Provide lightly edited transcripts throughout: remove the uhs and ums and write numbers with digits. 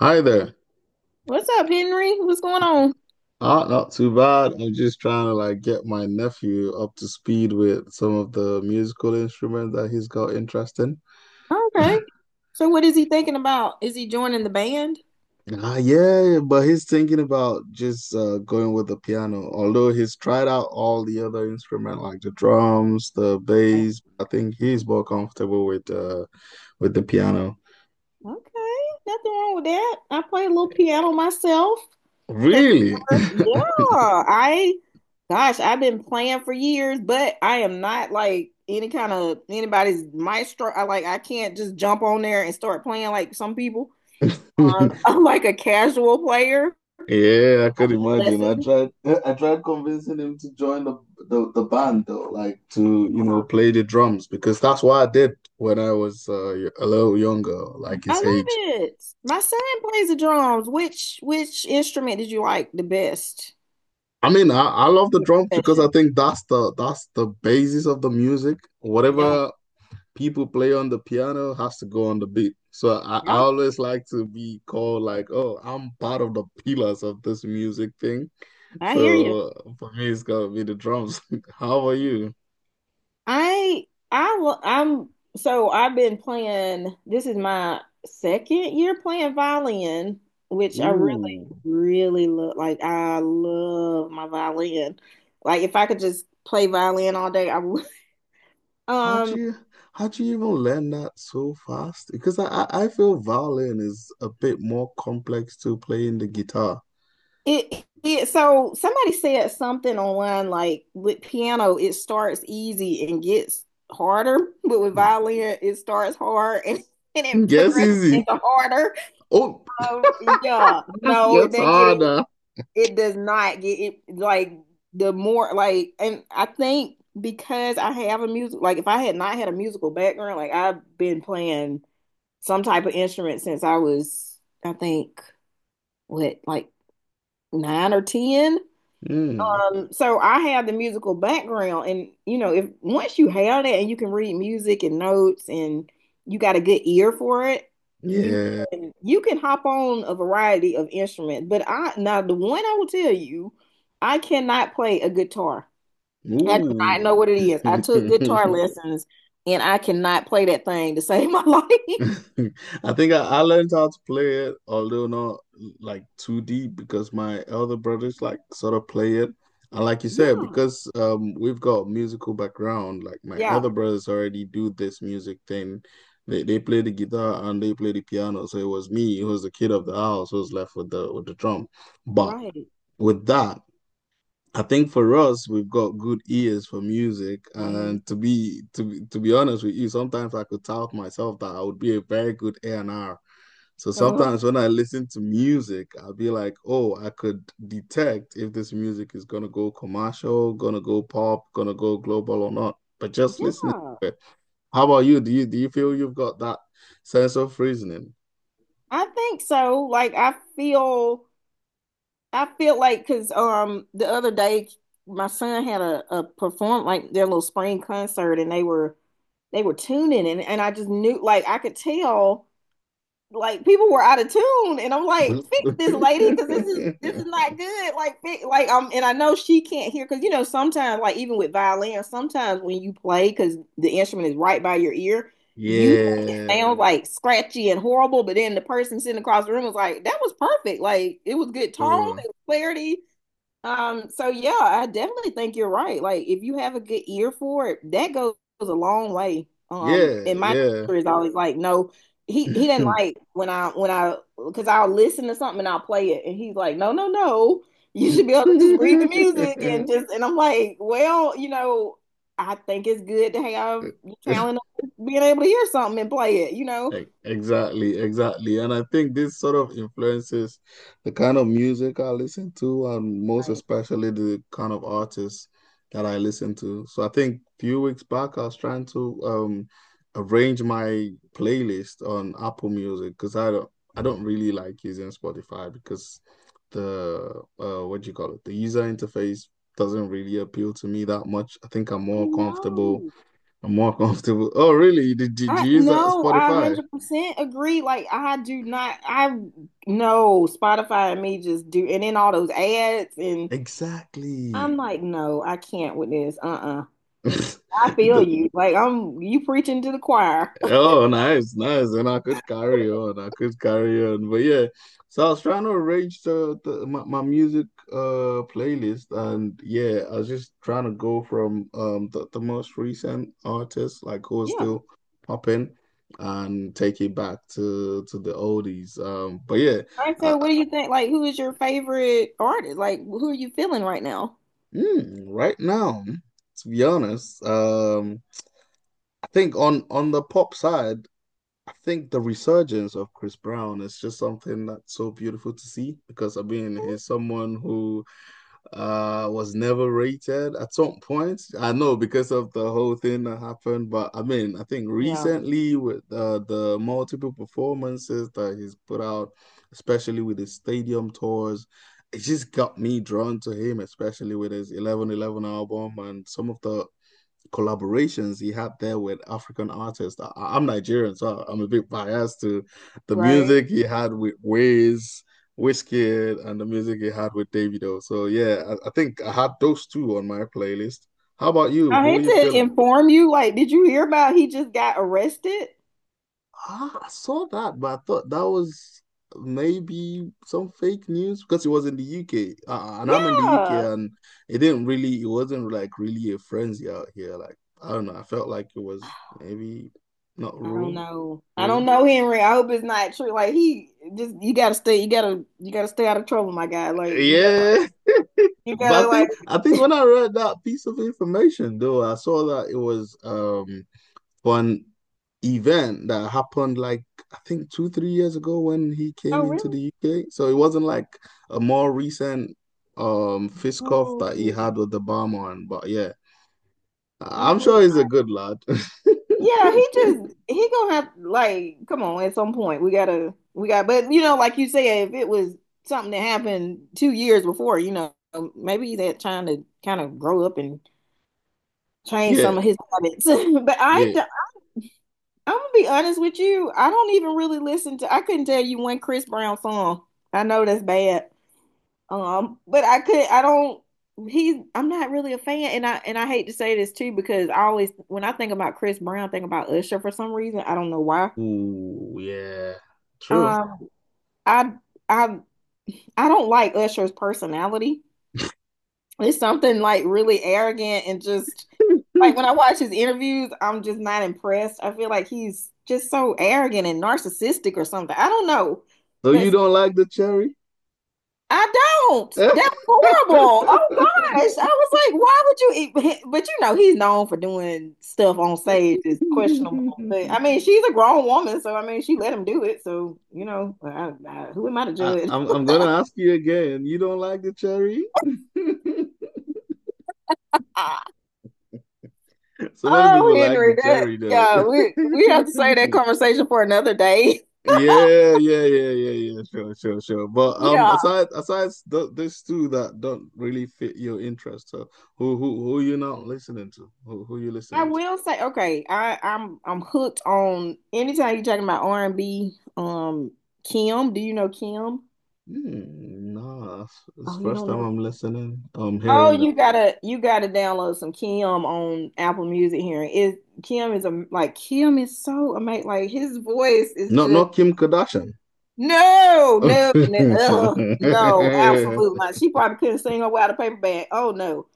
Hi there. What's up, Henry? What's going on? Not too bad. I'm just trying to like get my nephew up to speed with some of the musical instruments that he's got interest in. Okay. So what is he thinking about? Is he joining the band? Yeah, but he's thinking about just going with the piano. Although he's tried out all the other instruments, like the drums, the Right. bass. I think he's more comfortable with the piano. Okay, nothing wrong with that. I play a little piano myself. Has Really? Yeah, I gosh, I've been playing for years, but I am not like any kind of anybody's maestro. I can't just jump on there and start playing like some people. I'm like a casual player. Yeah, I could imagine. I Lessons. tried I tried convincing him to join the band though, like to, play the drums because that's what I did when I was a little younger, like I his age. love it. My son plays the drums. Which instrument did you like the best? I mean, I love the Your drums because I profession. think that's the basis of the music. Yeah, Whatever people play on the piano has to go on the beat. So I yeah. always like to be called like, oh, I'm part of the pillars of this music thing. I hear you. So for me, it's gotta be the drums. How are you? I lo- I'm so I've been playing. This is my second year playing violin, which I really Ooh, really love. Like I love my violin. Like if I could just play violin all day, I would. how'd Um, you how'd you even learn that so fast? Because I feel violin is a bit more complex to playing the guitar. it so somebody said something online, like with piano it starts easy and gets harder, but with violin it starts hard and Mm. it Guess progresses easy. into harder. Oh, Yeah, no, it gets doesn't get it. harder. It does not get it, like the more like, and I think because I have a music, like if I had not had a musical background, like I've been playing some type of instrument since I was, I think, what, like nine or ten. Mm. So I have the musical background, and you know, if once you have that and you can read music and notes, and you got a good ear for it, you Yeah. you can hop on a variety of instruments. But I, now the one I will tell you, I cannot play a guitar. I do Ooh. not know what it is. I took guitar lessons, and I cannot play that thing to save my life. I think I learned how to play it, although not like too deep, because my elder brothers like sort of play it. And like you said, Yeah, because we've got musical background, like my yeah, elder brothers already do this music thing. They play the guitar and they play the piano. So it was me, who was the kid of the house, who was left with the drum. But right. with that, I think for us, we've got good ears for music, Hmm. and to be honest with you, sometimes I could tell myself that I would be a very good A&R. So Uh-huh. sometimes when I listen to music, I'll be like, oh, I could detect if this music is gonna go commercial, gonna go pop, gonna go global or not. But just listening Yeah, to it. How about you? Do you feel you've got that sense of reasoning? I think so. Like I feel. I feel like, because the other day my son had a perform, like their little spring concert, and they were tuning, and I just knew, like I could tell like people were out of tune, and I'm like, fix this, lady, because this is not good, like fix, and I know she can't hear, because, you know, sometimes, like even with violin, sometimes when you play, because the instrument is right by your ear, you Yeah, sound like scratchy and horrible, but then the person sitting across the room was like, that was perfect, like it was good tone bro. and clarity. So yeah, I definitely think you're right. Like if you have a good ear for it, that goes a long way. And my Yeah, teacher is always like, no, he yeah. he didn't like when I because I'll listen to something and I'll play it, and he's like, no, no, no, you should be able to just read the music and just, and I'm like, well, you know, I think it's good to have your talent of being able to hear something and play it. Exactly, exactly. And I think this sort of influences the kind of music I listen to, and most Right. especially the kind of artists that I listen to. So I think a few weeks back, I was trying to arrange my playlist on Apple Music because I don't really like using Spotify because the what do you call it? The user interface doesn't really appeal to me that much. I think I'm I more comfortable. know. I'm more comfortable. Oh, really? Did I you use that No, I Spotify? 100% agree. Like I do not. I No, Spotify and me just do, and then all those ads, and Exactly. I'm like, no, I can't with this. Uh-uh. I feel The- you. Like, I'm, you preaching to the choir. oh, nice, nice. And I could carry on. I could carry on. But yeah, so I was trying to arrange my music playlist, and yeah, I was just trying to go from the most recent artists like who are Yeah. still popping, and take it back to the oldies. But yeah, I I, So I- what do you think? Like who is your favorite artist? Like who are you feeling right now? Right now, to be honest, I think on the pop side. I think the resurgence of Chris Brown is just something that's so beautiful to see because I mean he's someone who was never rated at some point. I know because of the whole thing that happened, but I mean I think Yeah. recently with the multiple performances that he's put out, especially with his stadium tours, it just got me drawn to him, especially with his 1111 album and some of the collaborations he had there with African artists. I am Nigerian, so I'm a bit biased to the Right. music he had with Wizkid, and the music he had with Davido. So yeah, I think I had those two on my playlist. How about you? I Who are hate you to feeling? inform you, like, did you hear about, he just got arrested? Ah, I saw that, but I thought that was maybe some fake news because it was in the UK, and I'm in the UK, Yeah. and it didn't really, it wasn't like really a frenzy out here. Like I don't know, I felt like it was maybe not I don't know. I don't real. know, Henry. I hope it's not true. Like he just you gotta stay out of trouble, my guy. Like Yeah, you but gotta I like think I think when I read that piece of information, though, I saw that it was one event that happened like I think 2, 3 years ago when he came Oh into really? the UK. So it wasn't like a more recent fist cuff that he Oh, had with the barman. But yeah, I- I am sure hope he's a not. good lad. Yeah, he gonna have, like, come on at some point. We gotta we got but, you know, like you said, if it was something that happened 2 years before, you know, maybe he's trying to kind of grow up and change Yeah, some of his habits. Yeah. I'm gonna be honest with you. I don't even really listen to. I couldn't tell you one Chris Brown song. I know that's bad. But I could. I don't. He's. I'm not really a fan, and I hate to say this too, because I always, when I think about Chris Brown, I think about Usher for some reason. I don't know why. Ooh, yeah. True. Um, I I I don't like Usher's personality. It's something, like, really arrogant and just, like when I watch his interviews, I'm just not impressed. I feel like he's just so arrogant and narcissistic or something. I don't know. So But you don't like the cherry? I don't. I, That was horrible. Oh gosh. I was like, why would you eat? But, you know, he's known for doing stuff on stage is questionable. But I mean, she's a grown woman, so I mean, she let him do it. So, you know, I, who am I to I'm judge? I'm gonna ask you again. You don't like the cherry? So many people Oh, like the Henry, that cherry though. yeah, we have to save that conversation for another day. Yeah, yeah, yeah, yeah, yeah. Sure, sure, sure. But Yeah, aside aside th these two that don't really fit your interest, so who you not listening to? Who you I listening to? will say, okay. I'm hooked on anytime you're talking about R and B. Kim, do you know Kim? Hmm, nah, it's Oh, you first don't time know. I'm listening. I'm Oh, hearing that. you gotta download some Kim on Apple Music here. It Kim is a like Kim is so amazing. Like his voice is No, just not Kim Kardashian. no, no, no, ugh, no, absolutely not. She probably couldn't sing her way out of paper bag. Oh no,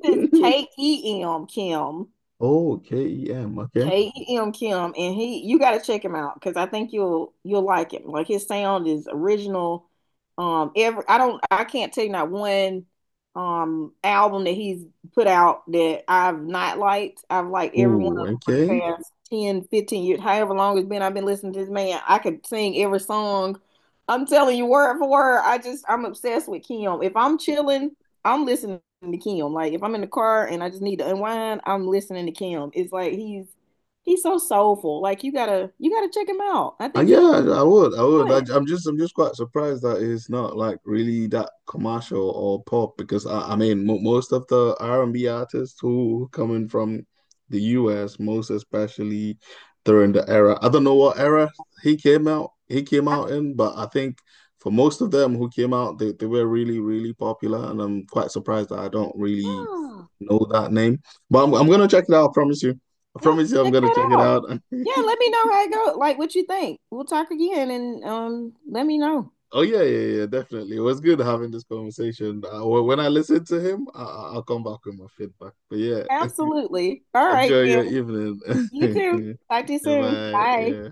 it's KEM, Kim. Oh, KEM. Okay. KEM, Kim, and he you got to check him out, because I think you'll like him. Like his sound is original. Every I don't I can't tell you not one album that he's put out that I've not liked. I've liked every one Ooh, of them for okay. the past 10, 15 years, however long it's been. I've been listening to this man. I could sing every song. I'm telling you, word for word. I'm obsessed with Kim. If I'm chilling, I'm listening to Kim. Like if I'm in the car and I just need to unwind, I'm listening to Kim. It's like he's so soulful. Like you gotta check him out. I think Yeah, you'll I would. I do would. It. I'm just quite surprised that it's not like really that commercial or pop because I mean, mo most of the R&B artists who coming from the US, most especially during the era. I don't know what era he came I- out in, but I think for most of them who came out, they were really, really popular, and I'm quite surprised that I don't really yeah, know that name. But I'm gonna check it out. I promise you. I yeah. promise you, I'm Check gonna check that it out. out. Yeah, let me know how it goes. Like what you think. We'll talk again, and let me know. Oh yeah, yeah, yeah, definitely. It was good having this conversation. When I listen to him, I'll come back with my feedback. But yeah, Absolutely. All right enjoy your then. evening. You too. Talk to you soon. Bye. Bye. Yeah.